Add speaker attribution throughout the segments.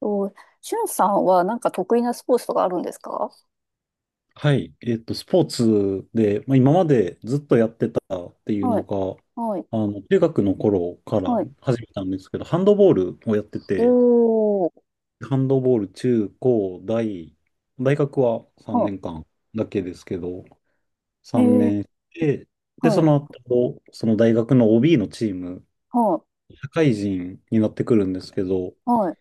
Speaker 1: と、しゅんさんはなんか得意なスポーツとかあるんですか？
Speaker 2: はい。スポーツで、まあ、今までずっとやってたっていう
Speaker 1: は
Speaker 2: の
Speaker 1: い、
Speaker 2: が、
Speaker 1: はい、
Speaker 2: 中学の頃から
Speaker 1: はい。
Speaker 2: 始めたんですけど、ハンドボールをやって
Speaker 1: お
Speaker 2: て、
Speaker 1: ー、
Speaker 2: ハンドボール中高大、大学は3
Speaker 1: は
Speaker 2: 年間だけですけど、
Speaker 1: い、え
Speaker 2: 3
Speaker 1: ー、
Speaker 2: 年で、で、
Speaker 1: は
Speaker 2: そ
Speaker 1: い、
Speaker 2: の後、その大学の OB のチーム、
Speaker 1: はい、
Speaker 2: 社会人になってくるんですけど、
Speaker 1: はい、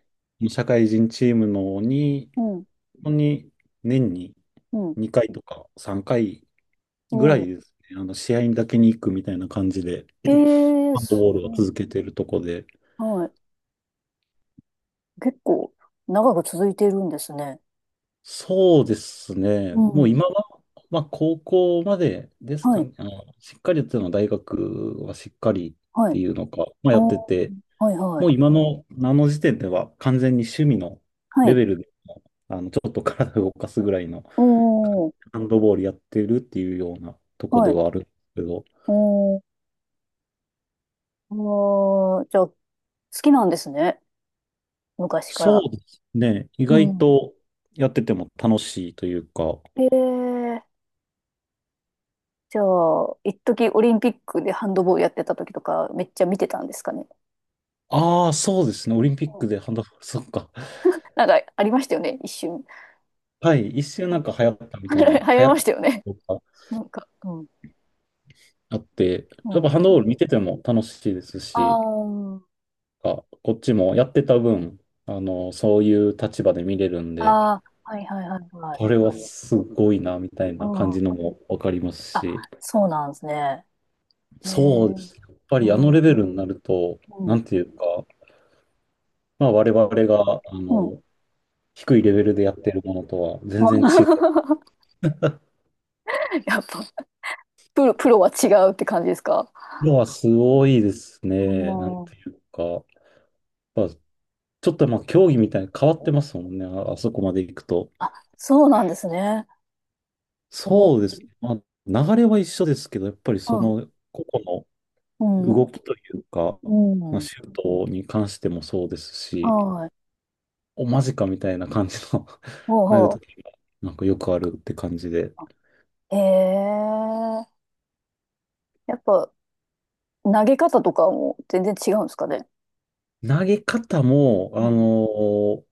Speaker 2: 社会人チームのに、
Speaker 1: うん、
Speaker 2: 本当に年に
Speaker 1: うん、
Speaker 2: 2回とか3回ぐら
Speaker 1: う
Speaker 2: い
Speaker 1: ん。
Speaker 2: ですね。試合にだけに行くみたいな感じで、
Speaker 1: えー、
Speaker 2: ハンド
Speaker 1: す
Speaker 2: ボールを
Speaker 1: ごい。
Speaker 2: 続けてるとこで。
Speaker 1: はい。結構長く続いているんですね。
Speaker 2: そうですね。
Speaker 1: う
Speaker 2: もう
Speaker 1: ん、
Speaker 2: 今は、まあ、高校までです
Speaker 1: は
Speaker 2: か
Speaker 1: い、
Speaker 2: ね。しっかりやってたのは大学はしっかりっ
Speaker 1: は
Speaker 2: て
Speaker 1: い、
Speaker 2: いうのか、まあ、やって
Speaker 1: おー、
Speaker 2: て、
Speaker 1: はい、は
Speaker 2: も
Speaker 1: い、
Speaker 2: う今の、あの時点では完全に趣味の
Speaker 1: は
Speaker 2: レ
Speaker 1: い、
Speaker 2: ベルでも、ちょっと体を動かすぐらいの、
Speaker 1: おー、
Speaker 2: ハンドボールやってるっていうようなとこ
Speaker 1: は
Speaker 2: で
Speaker 1: い、
Speaker 2: はあるんですけど、
Speaker 1: おー、あー、じゃあ、好きなんですね。昔か
Speaker 2: そ
Speaker 1: ら。
Speaker 2: うですね。意
Speaker 1: う
Speaker 2: 外
Speaker 1: ん。
Speaker 2: とやってても楽しいというか。
Speaker 1: えー、じゃあ、一時オリンピックでハンドボールやってた時とか、めっちゃ見てたんですかね。
Speaker 2: ああ、そうですね。オリンピッ
Speaker 1: うん、
Speaker 2: クでハンドボール、そっか。
Speaker 1: なんか、ありましたよね、一瞬。
Speaker 2: はい。一瞬な
Speaker 1: う
Speaker 2: んか流行ったみ
Speaker 1: ん。
Speaker 2: た
Speaker 1: 流
Speaker 2: いな、
Speaker 1: 行
Speaker 2: 流
Speaker 1: り
Speaker 2: 行っ
Speaker 1: ま
Speaker 2: た
Speaker 1: したよ
Speaker 2: こ
Speaker 1: ね。
Speaker 2: とが
Speaker 1: なんか、うん。
Speaker 2: あって、
Speaker 1: う
Speaker 2: やっぱ
Speaker 1: ん。
Speaker 2: ハンドボール見てても楽しいです
Speaker 1: あ
Speaker 2: し、
Speaker 1: ー、
Speaker 2: あ、こっちもやってた分、そういう立場で見れるんで、
Speaker 1: あー、はいはいはいはい。
Speaker 2: これはすごいな、みたい
Speaker 1: う
Speaker 2: な感
Speaker 1: ん。
Speaker 2: じのもわかります
Speaker 1: あ、
Speaker 2: し、
Speaker 1: そうなんですね。へ
Speaker 2: そうで
Speaker 1: え、
Speaker 2: す。やっぱ
Speaker 1: う
Speaker 2: りあの
Speaker 1: ん、う
Speaker 2: レ
Speaker 1: ん、
Speaker 2: ベルになると、なんていうか、まあ、我々があ
Speaker 1: うん。
Speaker 2: の低いレベルでやってるものとは全然違う。
Speaker 1: やっぱ、プロは違うって感じですか？
Speaker 2: のはすごいです
Speaker 1: う
Speaker 2: ね。なん
Speaker 1: ん。
Speaker 2: ていうか。まあ、ちょっとまあ競技みたいに変わってますもんね。あ、あそこまで行くと。
Speaker 1: あ、そうなんですね。うん、
Speaker 2: そうですね。まあ、流れは一緒ですけど、やっぱりその個々
Speaker 1: う
Speaker 2: の
Speaker 1: ん、
Speaker 2: 動きというか、
Speaker 1: う
Speaker 2: まあ、
Speaker 1: ん。
Speaker 2: シュートに関してもそうですし、
Speaker 1: はい。
Speaker 2: おマジかみたいな感じの
Speaker 1: ほう
Speaker 2: なる
Speaker 1: ほう。
Speaker 2: ときが、なんかよくあるって感じで。
Speaker 1: あ、ええ、やっぱ投げ方とかも全然違うんですかね。
Speaker 2: 投げ方も、
Speaker 1: うん。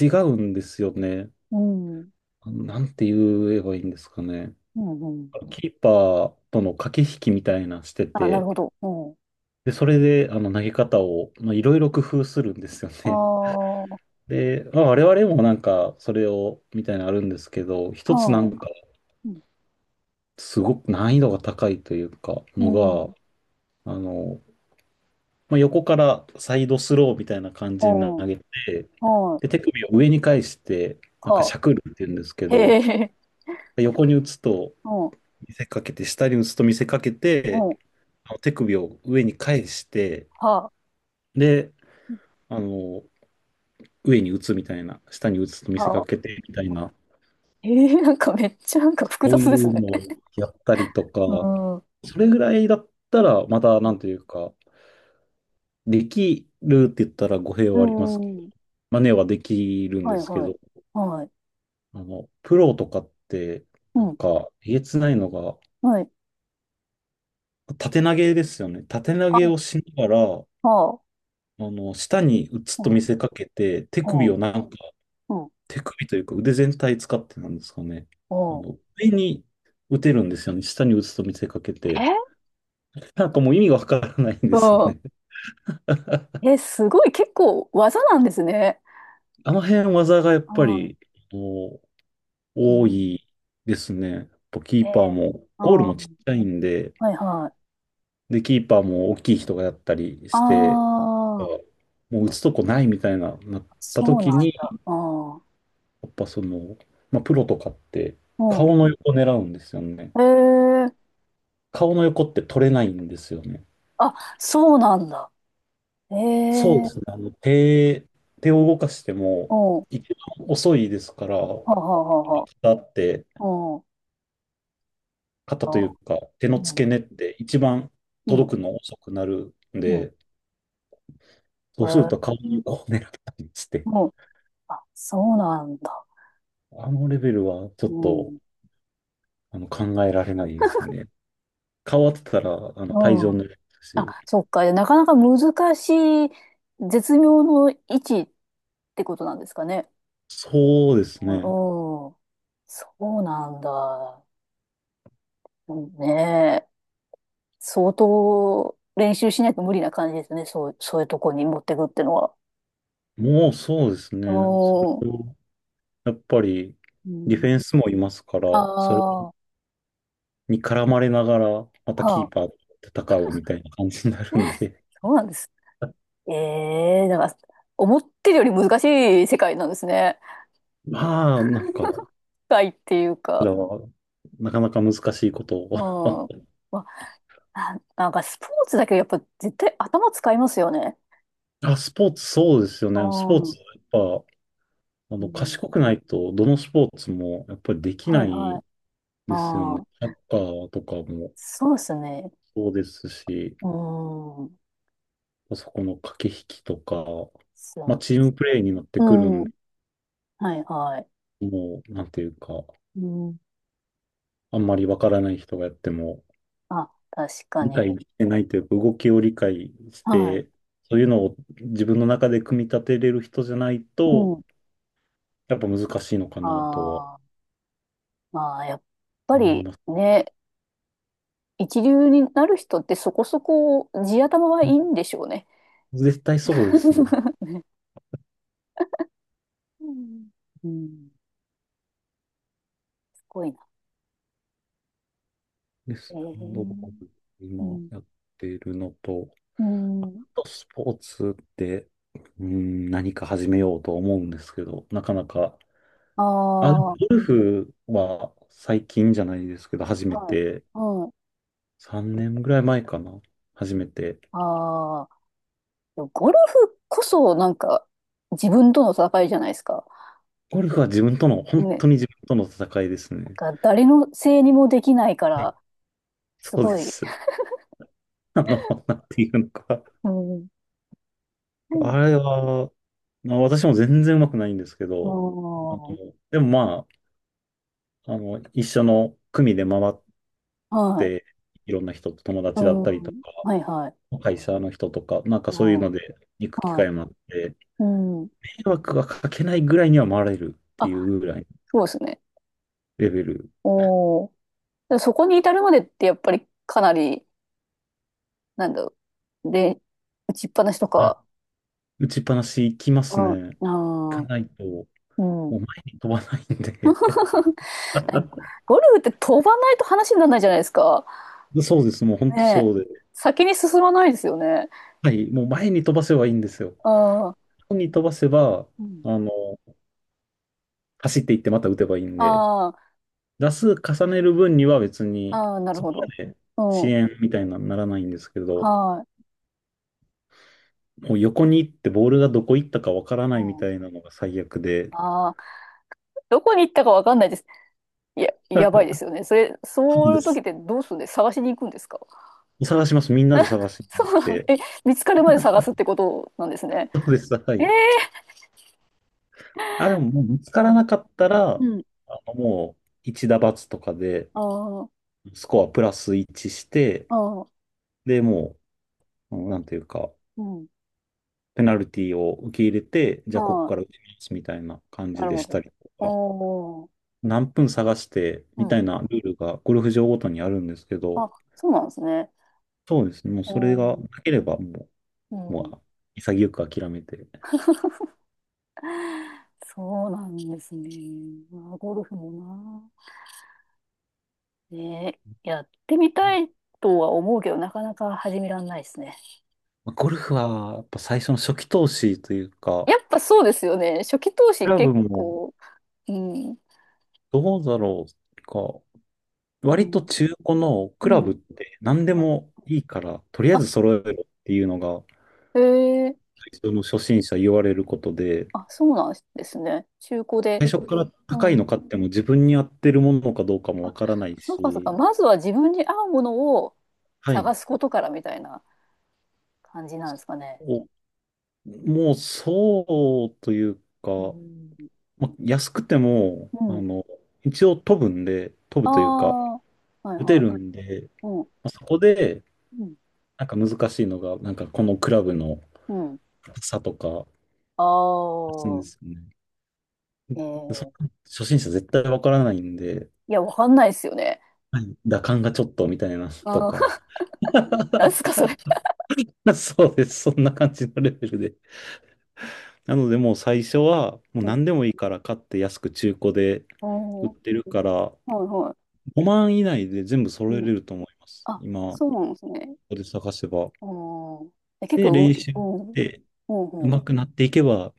Speaker 2: 違うんですよね。
Speaker 1: うん。う
Speaker 2: なんて言えばいいんですかね。
Speaker 1: ん。うん、
Speaker 2: キーパーとの駆け引きみたいなして
Speaker 1: あ、なる
Speaker 2: て、
Speaker 1: ほど。うん。
Speaker 2: で、それで、投げ方を、まあ、いろいろ工夫するんですよ
Speaker 1: あ
Speaker 2: ね。
Speaker 1: あ、
Speaker 2: で、まあ、我々もなんか、それを、みたいなのあるんですけど、一つな
Speaker 1: は
Speaker 2: んか、
Speaker 1: い。うん、
Speaker 2: すごく難易度が高いというか、
Speaker 1: う
Speaker 2: の
Speaker 1: ん。
Speaker 2: が、あの、まあ、横からサイドスローみたいな感
Speaker 1: う
Speaker 2: じに
Speaker 1: ん。
Speaker 2: 投げて、
Speaker 1: はい。
Speaker 2: で、手首を上に返して、なんかし
Speaker 1: は
Speaker 2: ゃくるって言うんですけ
Speaker 1: あ。
Speaker 2: ど、
Speaker 1: へえ。
Speaker 2: 横に打つと
Speaker 1: うん。
Speaker 2: 見せかけて、下に打つと見せかけて、
Speaker 1: うん。
Speaker 2: あの手首を上に返して、
Speaker 1: はあ。
Speaker 2: で、あの、上に打つみたいな、下に打つと見せか
Speaker 1: はあ。
Speaker 2: けてみたいな、
Speaker 1: ええ、なんかめっちゃなんか複
Speaker 2: そう
Speaker 1: 雑で
Speaker 2: い
Speaker 1: す
Speaker 2: う
Speaker 1: ね。
Speaker 2: のをやったりと
Speaker 1: う
Speaker 2: か、
Speaker 1: ん。う
Speaker 2: それぐらいだったら、また、なんと
Speaker 1: ん。
Speaker 2: いうか、できるって言ったら語弊
Speaker 1: う
Speaker 2: はありますけど、
Speaker 1: ん、
Speaker 2: 真似はできるん
Speaker 1: は
Speaker 2: で
Speaker 1: い
Speaker 2: すけ
Speaker 1: はい。
Speaker 2: ど、
Speaker 1: はい。
Speaker 2: プロとかって、
Speaker 1: う
Speaker 2: なん
Speaker 1: ん。
Speaker 2: か、えげつないのが、
Speaker 1: はい。
Speaker 2: 縦投げですよね。縦投げを
Speaker 1: あ、
Speaker 2: しながら、
Speaker 1: はあ。
Speaker 2: 下に打つ
Speaker 1: う
Speaker 2: と
Speaker 1: ん。
Speaker 2: 見
Speaker 1: は
Speaker 2: せかけて、手
Speaker 1: あ。
Speaker 2: 首を何
Speaker 1: うん。
Speaker 2: 手首というか腕全体使ってなんですかね。
Speaker 1: うん。
Speaker 2: 上に打てるんですよね。下に打つと見せかけて。
Speaker 1: え、
Speaker 2: なんかもう意味がわからないん
Speaker 1: う
Speaker 2: ですよ
Speaker 1: ん。
Speaker 2: ね。
Speaker 1: え、すごい、結構技なんですね。
Speaker 2: あの辺技がやっ
Speaker 1: あ
Speaker 2: ぱ
Speaker 1: ー、
Speaker 2: り、もう
Speaker 1: う
Speaker 2: 多
Speaker 1: ん。
Speaker 2: いですね。やっぱキ
Speaker 1: え
Speaker 2: ーパー
Speaker 1: え。
Speaker 2: も、
Speaker 1: あ
Speaker 2: ゴール
Speaker 1: あ、
Speaker 2: もちっちゃ
Speaker 1: は
Speaker 2: いんで、
Speaker 1: いはい。
Speaker 2: で、キーパーも大きい人がやったり
Speaker 1: あ
Speaker 2: して、あ
Speaker 1: あ、
Speaker 2: もう打つとこないみたいな、なった
Speaker 1: そう
Speaker 2: 時
Speaker 1: なん
Speaker 2: に、
Speaker 1: だ。ああ、
Speaker 2: やっぱその、まあ、プロとかって
Speaker 1: うん。
Speaker 2: 顔の横狙うんですよね。
Speaker 1: ええ。
Speaker 2: 顔の横って取れないんですよね。
Speaker 1: あ、そうなんだ。え
Speaker 2: そうで
Speaker 1: え。
Speaker 2: すね。手を動かして
Speaker 1: う
Speaker 2: も、
Speaker 1: ん。は
Speaker 2: 一番遅いですから、
Speaker 1: あはあはあは
Speaker 2: 肩って、
Speaker 1: あ。うん。
Speaker 2: 肩
Speaker 1: あ
Speaker 2: とい
Speaker 1: あ、
Speaker 2: うか、手の
Speaker 1: う
Speaker 2: 付
Speaker 1: ん。
Speaker 2: け根って一番
Speaker 1: うん。
Speaker 2: 届くの遅くなるん
Speaker 1: うん、
Speaker 2: で、そ
Speaker 1: え
Speaker 2: うする
Speaker 1: え。
Speaker 2: と顔にこう狙ったりして、
Speaker 1: うん。あ、そうなんだ。
Speaker 2: あのレベルはちょ
Speaker 1: う
Speaker 2: っと、
Speaker 1: ん。
Speaker 2: 考えられないですね。顔当てたら、
Speaker 1: う
Speaker 2: 退場に
Speaker 1: ん。
Speaker 2: なりますし、
Speaker 1: あ、そっか。なかなか難しい、絶妙の位置ってことなんですかね。
Speaker 2: そうですね。
Speaker 1: うん。そうなんだ。ねえ。相当練習しないと無理な感じですね。そう、そういうとこに持ってくってのは。
Speaker 2: もうそうです
Speaker 1: う
Speaker 2: ね。そ
Speaker 1: ーん。
Speaker 2: れを、やっぱり、
Speaker 1: う
Speaker 2: ディフェン
Speaker 1: ん、
Speaker 2: スもいますから、
Speaker 1: あ
Speaker 2: それ
Speaker 1: あ、は
Speaker 2: に絡まれながら、またキ
Speaker 1: あ。
Speaker 2: ーパーと戦うみたいな感じになるんで、
Speaker 1: そうなんです。ええ、だから、思ってるより難しい世界なんですね。
Speaker 2: まあ、なんか、こ
Speaker 1: 世いっていう
Speaker 2: ち
Speaker 1: か。
Speaker 2: らは、なかなか難しいことを
Speaker 1: うん。まあ、な、なんかスポーツだけどやっぱ絶対頭使いますよね。
Speaker 2: あ、スポーツ、そうですよ
Speaker 1: う
Speaker 2: ね。スポー
Speaker 1: ん。う
Speaker 2: ツ、やっぱ、
Speaker 1: ん。
Speaker 2: 賢くないと、どのスポーツも、やっぱりでき
Speaker 1: は
Speaker 2: な
Speaker 1: いはい。
Speaker 2: いですよ
Speaker 1: あ
Speaker 2: ね。
Speaker 1: あ、
Speaker 2: サッカーとかも
Speaker 1: そうですね。
Speaker 2: そうですし、
Speaker 1: うん。で
Speaker 2: そこの駆け引きとか、
Speaker 1: す
Speaker 2: まあ、
Speaker 1: よ、
Speaker 2: チームプレーになって
Speaker 1: う
Speaker 2: くるんで、
Speaker 1: ん。はいはい。
Speaker 2: もう、なんていうか、
Speaker 1: うん。
Speaker 2: あんまりわからない人がやっても、
Speaker 1: あ、確か
Speaker 2: 理解
Speaker 1: に。
Speaker 2: してないというか、動きを理解し
Speaker 1: はい。
Speaker 2: て、そういうのを自分の中で組み立てれる人じゃないと、
Speaker 1: うん。
Speaker 2: やっぱ難しいのかなとは
Speaker 1: ああ、まあ、やっぱ
Speaker 2: 思い
Speaker 1: り
Speaker 2: ます。
Speaker 1: ね、一流になる人ってそこそこ地頭はいいんでしょうね。
Speaker 2: 絶対そうですね。
Speaker 1: ね、うん。うん、すごいな。
Speaker 2: で
Speaker 1: え
Speaker 2: す。ハンドボ
Speaker 1: ー。
Speaker 2: ール、
Speaker 1: う
Speaker 2: 今
Speaker 1: ん。
Speaker 2: やっているのと、
Speaker 1: うん。
Speaker 2: あとスポーツって、うん、何か始めようと思うんですけど、なかなか、
Speaker 1: あ
Speaker 2: あ、ゴ
Speaker 1: あ、は
Speaker 2: ルフは最近じゃないですけど、初め
Speaker 1: い。
Speaker 2: て、
Speaker 1: はい。
Speaker 2: 3年ぐらい前かな、初めて
Speaker 1: ああ、ゴルフこそなんか自分との戦いじゃないですか。
Speaker 2: ゴルフは自分との、本
Speaker 1: ね。
Speaker 2: 当に自分との戦いですね。
Speaker 1: なんか誰のせいにもできないか
Speaker 2: はい
Speaker 1: ら、す
Speaker 2: そうで
Speaker 1: ごい。
Speaker 2: す。なんていうのか。
Speaker 1: うん。
Speaker 2: あれは、まあ、私も全然上手くないんですけど、あの、
Speaker 1: うん。
Speaker 2: でもまあ、一緒の組で回っ
Speaker 1: はい。
Speaker 2: て、いろんな人と友
Speaker 1: う
Speaker 2: 達だったりと
Speaker 1: ん。
Speaker 2: か、
Speaker 1: はいはい。
Speaker 2: 会社の人とか、なんかそういう
Speaker 1: うん。
Speaker 2: ので行く機
Speaker 1: はい。
Speaker 2: 会もあって、
Speaker 1: うん。
Speaker 2: 迷惑がかけないぐらいには回れるってい
Speaker 1: あ、
Speaker 2: うぐらいの
Speaker 1: そうですね。
Speaker 2: レベル。
Speaker 1: おー。で、そこに至るまでってやっぱりかなり、なんだろう。で、打ちっぱなしと
Speaker 2: あ、
Speaker 1: か。
Speaker 2: 打ちっぱなし行きま
Speaker 1: う
Speaker 2: す
Speaker 1: ん。
Speaker 2: ね。行か
Speaker 1: あー、
Speaker 2: ないと、も
Speaker 1: うん。
Speaker 2: う前に飛ばないんで。
Speaker 1: ゴルフって飛ばないと話にならないじゃないですか。
Speaker 2: そうです。もう本当
Speaker 1: ね
Speaker 2: そ
Speaker 1: え。
Speaker 2: うで。
Speaker 1: 先に進まないですよね。
Speaker 2: はい。もう前に飛ばせばいいんですよ。
Speaker 1: ああ、
Speaker 2: 前に飛ばせば、
Speaker 1: うん。
Speaker 2: あの、走っていってまた打てばいいんで、
Speaker 1: あ
Speaker 2: 打数重ねる分には別
Speaker 1: あ、
Speaker 2: に、
Speaker 1: ああ、なる
Speaker 2: そ
Speaker 1: ほ
Speaker 2: こま
Speaker 1: ど。
Speaker 2: で
Speaker 1: う
Speaker 2: 遅
Speaker 1: ん。
Speaker 2: 延みたいなのにならないんですけど、
Speaker 1: はい。
Speaker 2: もう横に行ってボールがどこ行ったかわから
Speaker 1: う
Speaker 2: ないみ
Speaker 1: ん。
Speaker 2: たいなのが最悪で、
Speaker 1: ああ、どこに行ったかわかんないです。いや、やばいですよね。それ、
Speaker 2: そ
Speaker 1: そ
Speaker 2: う
Speaker 1: う
Speaker 2: で
Speaker 1: いう時っ
Speaker 2: す。
Speaker 1: てどうするんです、探しに行くんですか？
Speaker 2: 探します。みんなで探し
Speaker 1: そうなん、
Speaker 2: て。
Speaker 1: え、見つかるまで探すってことなんですね。
Speaker 2: そうです。は
Speaker 1: えー、
Speaker 2: い。あ、でも、もう見つか
Speaker 1: う
Speaker 2: ら
Speaker 1: ん。
Speaker 2: なかったら、
Speaker 1: うん。
Speaker 2: もう、一打罰とかで、
Speaker 1: あ
Speaker 2: スコアプラス1して、
Speaker 1: あ、ああ、
Speaker 2: で、もう、うんなんていうか、
Speaker 1: うん。
Speaker 2: ペナルティを受け入れて、じ
Speaker 1: あ
Speaker 2: ゃあここ
Speaker 1: あ。
Speaker 2: から打ちますみたいな感
Speaker 1: な
Speaker 2: じ
Speaker 1: る
Speaker 2: で
Speaker 1: ほ
Speaker 2: し
Speaker 1: ど。
Speaker 2: たりとか、
Speaker 1: おー、
Speaker 2: 何分探して
Speaker 1: う
Speaker 2: みた
Speaker 1: ん。
Speaker 2: いなルールがゴルフ場ごとにあるんですけど、
Speaker 1: あ、そうなんですね。
Speaker 2: そうですね、もうそれ
Speaker 1: お
Speaker 2: が
Speaker 1: ー、
Speaker 2: なければも
Speaker 1: う
Speaker 2: う、も
Speaker 1: ん。
Speaker 2: う潔く諦めて。
Speaker 1: そうなんですね。まあ、ゴルフもな。ねえ、やってみたいとは思うけど、なかなか始めらんないですね。
Speaker 2: まあゴルフはやっぱ最初の初期投資というか、
Speaker 1: やっぱそうですよね。初期投
Speaker 2: ク
Speaker 1: 資
Speaker 2: ラブ
Speaker 1: 結
Speaker 2: も
Speaker 1: 構、うん、
Speaker 2: どうだろうか、
Speaker 1: う
Speaker 2: 割と
Speaker 1: ん。
Speaker 2: 中古のク
Speaker 1: う
Speaker 2: ラブっ
Speaker 1: ん。
Speaker 2: て何でもいいから、とりあえ
Speaker 1: あ、
Speaker 2: ず揃えろっていうのが、
Speaker 1: へえ、
Speaker 2: 最初の初心者言われることで、
Speaker 1: あ、そうなんですね。中古
Speaker 2: 最
Speaker 1: で。
Speaker 2: 初から高い
Speaker 1: うん。
Speaker 2: の買っても自分に合ってるものかどうかも
Speaker 1: あ、
Speaker 2: わからない
Speaker 1: そうかそうか。
Speaker 2: し、
Speaker 1: まずは自分に合うものを
Speaker 2: は
Speaker 1: 探
Speaker 2: い。
Speaker 1: すことからみたいな感じなんですかね。
Speaker 2: お、もうそうという
Speaker 1: う
Speaker 2: か、
Speaker 1: ん。
Speaker 2: ま、安くても、
Speaker 1: うん。
Speaker 2: 一応飛ぶんで、飛
Speaker 1: あ
Speaker 2: ぶというか、
Speaker 1: あ、はい
Speaker 2: 打て
Speaker 1: はい。
Speaker 2: るんで、
Speaker 1: うん。
Speaker 2: ま、そこで、
Speaker 1: うん。
Speaker 2: なんか難しいのが、なんかこのクラブの
Speaker 1: うん。
Speaker 2: 差とか、
Speaker 1: あ
Speaker 2: するんで
Speaker 1: あ、
Speaker 2: すよね。
Speaker 1: え
Speaker 2: でそ
Speaker 1: え、
Speaker 2: 初心者絶対わからないんで、
Speaker 1: いや、わかんないですよね。
Speaker 2: はい、打感がちょっとみたいなと
Speaker 1: あー、
Speaker 2: か、
Speaker 1: なんすか、それ。
Speaker 2: そうです。そんな感じのレベルで。なのでもう最初はもう
Speaker 1: うん。
Speaker 2: 何でもいいから買って安く中古で
Speaker 1: ああ、
Speaker 2: 売っ
Speaker 1: は
Speaker 2: てるから
Speaker 1: いは
Speaker 2: 5万以内で全部揃
Speaker 1: い。
Speaker 2: え
Speaker 1: うん。
Speaker 2: れると思います。
Speaker 1: あ、
Speaker 2: 今、こ
Speaker 1: そうなんですね。
Speaker 2: こで探せば。
Speaker 1: うん。え、結
Speaker 2: で、
Speaker 1: 構、う、
Speaker 2: 練習し
Speaker 1: うん、
Speaker 2: て
Speaker 1: うん、うん。
Speaker 2: 上手くなっていけば、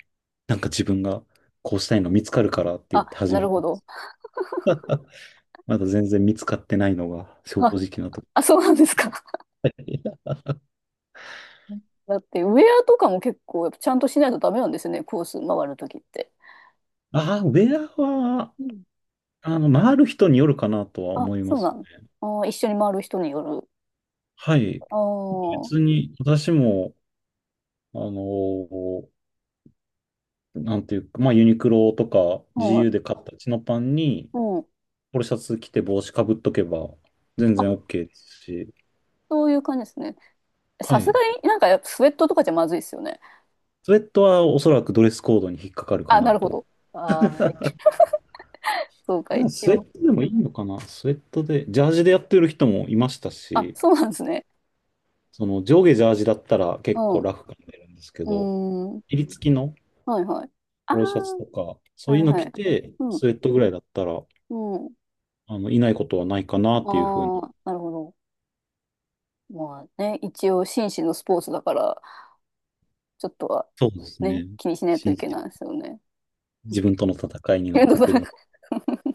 Speaker 2: なんか自分がこうしたいの見つかるからって言っ
Speaker 1: あ、
Speaker 2: て始
Speaker 1: な
Speaker 2: め
Speaker 1: る
Speaker 2: た
Speaker 1: ほ
Speaker 2: んで
Speaker 1: ど。
Speaker 2: す。まだ全然見つかってないのが正
Speaker 1: あ、
Speaker 2: 直なとこ
Speaker 1: あ、そうなんですか。
Speaker 2: ろ。
Speaker 1: だって、ウェアとかも結構、やっぱちゃんとしないとダメなんですよね、コース回るときって。
Speaker 2: ああ、ウェアは、
Speaker 1: うん。
Speaker 2: 回る人によるかなとは
Speaker 1: あ、
Speaker 2: 思いま
Speaker 1: そうな
Speaker 2: すね。
Speaker 1: ん。あー、一緒に回る人による。
Speaker 2: はい。
Speaker 1: あ
Speaker 2: 別
Speaker 1: あ、
Speaker 2: に私も、あのーなんていうか、まあユニクロとか
Speaker 1: は
Speaker 2: GU
Speaker 1: い。
Speaker 2: で買ったチノパンに、
Speaker 1: うん。
Speaker 2: ポロシャツ着て帽子かぶっとけば全
Speaker 1: あ、
Speaker 2: 然 OK ですし、
Speaker 1: そういう感じですね。
Speaker 2: は
Speaker 1: さす
Speaker 2: い。
Speaker 1: がになんかやっぱスウェットとかじゃまずいですよね。
Speaker 2: スウェットはおそらくドレスコードに引っかかるか
Speaker 1: あ、な
Speaker 2: な
Speaker 1: るほ
Speaker 2: と。
Speaker 1: ど。ああ、そうか、
Speaker 2: でも
Speaker 1: 一
Speaker 2: スウェッ
Speaker 1: 応。
Speaker 2: トでもいいのかなスウェットで、ジャージでやってる人もいました
Speaker 1: あ、
Speaker 2: し、
Speaker 1: そうなんですね。
Speaker 2: その上下ジャージだったら
Speaker 1: う
Speaker 2: 結構
Speaker 1: ん。う
Speaker 2: ラフ感出るんですけ
Speaker 1: ー
Speaker 2: ど、
Speaker 1: ん。
Speaker 2: 襟付きの
Speaker 1: はいはい。ああ、
Speaker 2: ポロシャツとか、そ
Speaker 1: は
Speaker 2: ういうの
Speaker 1: いは
Speaker 2: 着
Speaker 1: い。
Speaker 2: て、
Speaker 1: うん。
Speaker 2: スウェットぐらいだったら、
Speaker 1: うん。
Speaker 2: いないことはないかなっていうふう
Speaker 1: あ
Speaker 2: に。
Speaker 1: あ、なるほど。まあね、一応紳士のスポーツだから、ちょっとは
Speaker 2: そうです
Speaker 1: ね、
Speaker 2: ね。
Speaker 1: 気にしないと
Speaker 2: 信
Speaker 1: いけ
Speaker 2: じ
Speaker 1: ないですよね。
Speaker 2: 自分との戦い になっ
Speaker 1: けど
Speaker 2: て
Speaker 1: な
Speaker 2: く
Speaker 1: ん。
Speaker 2: る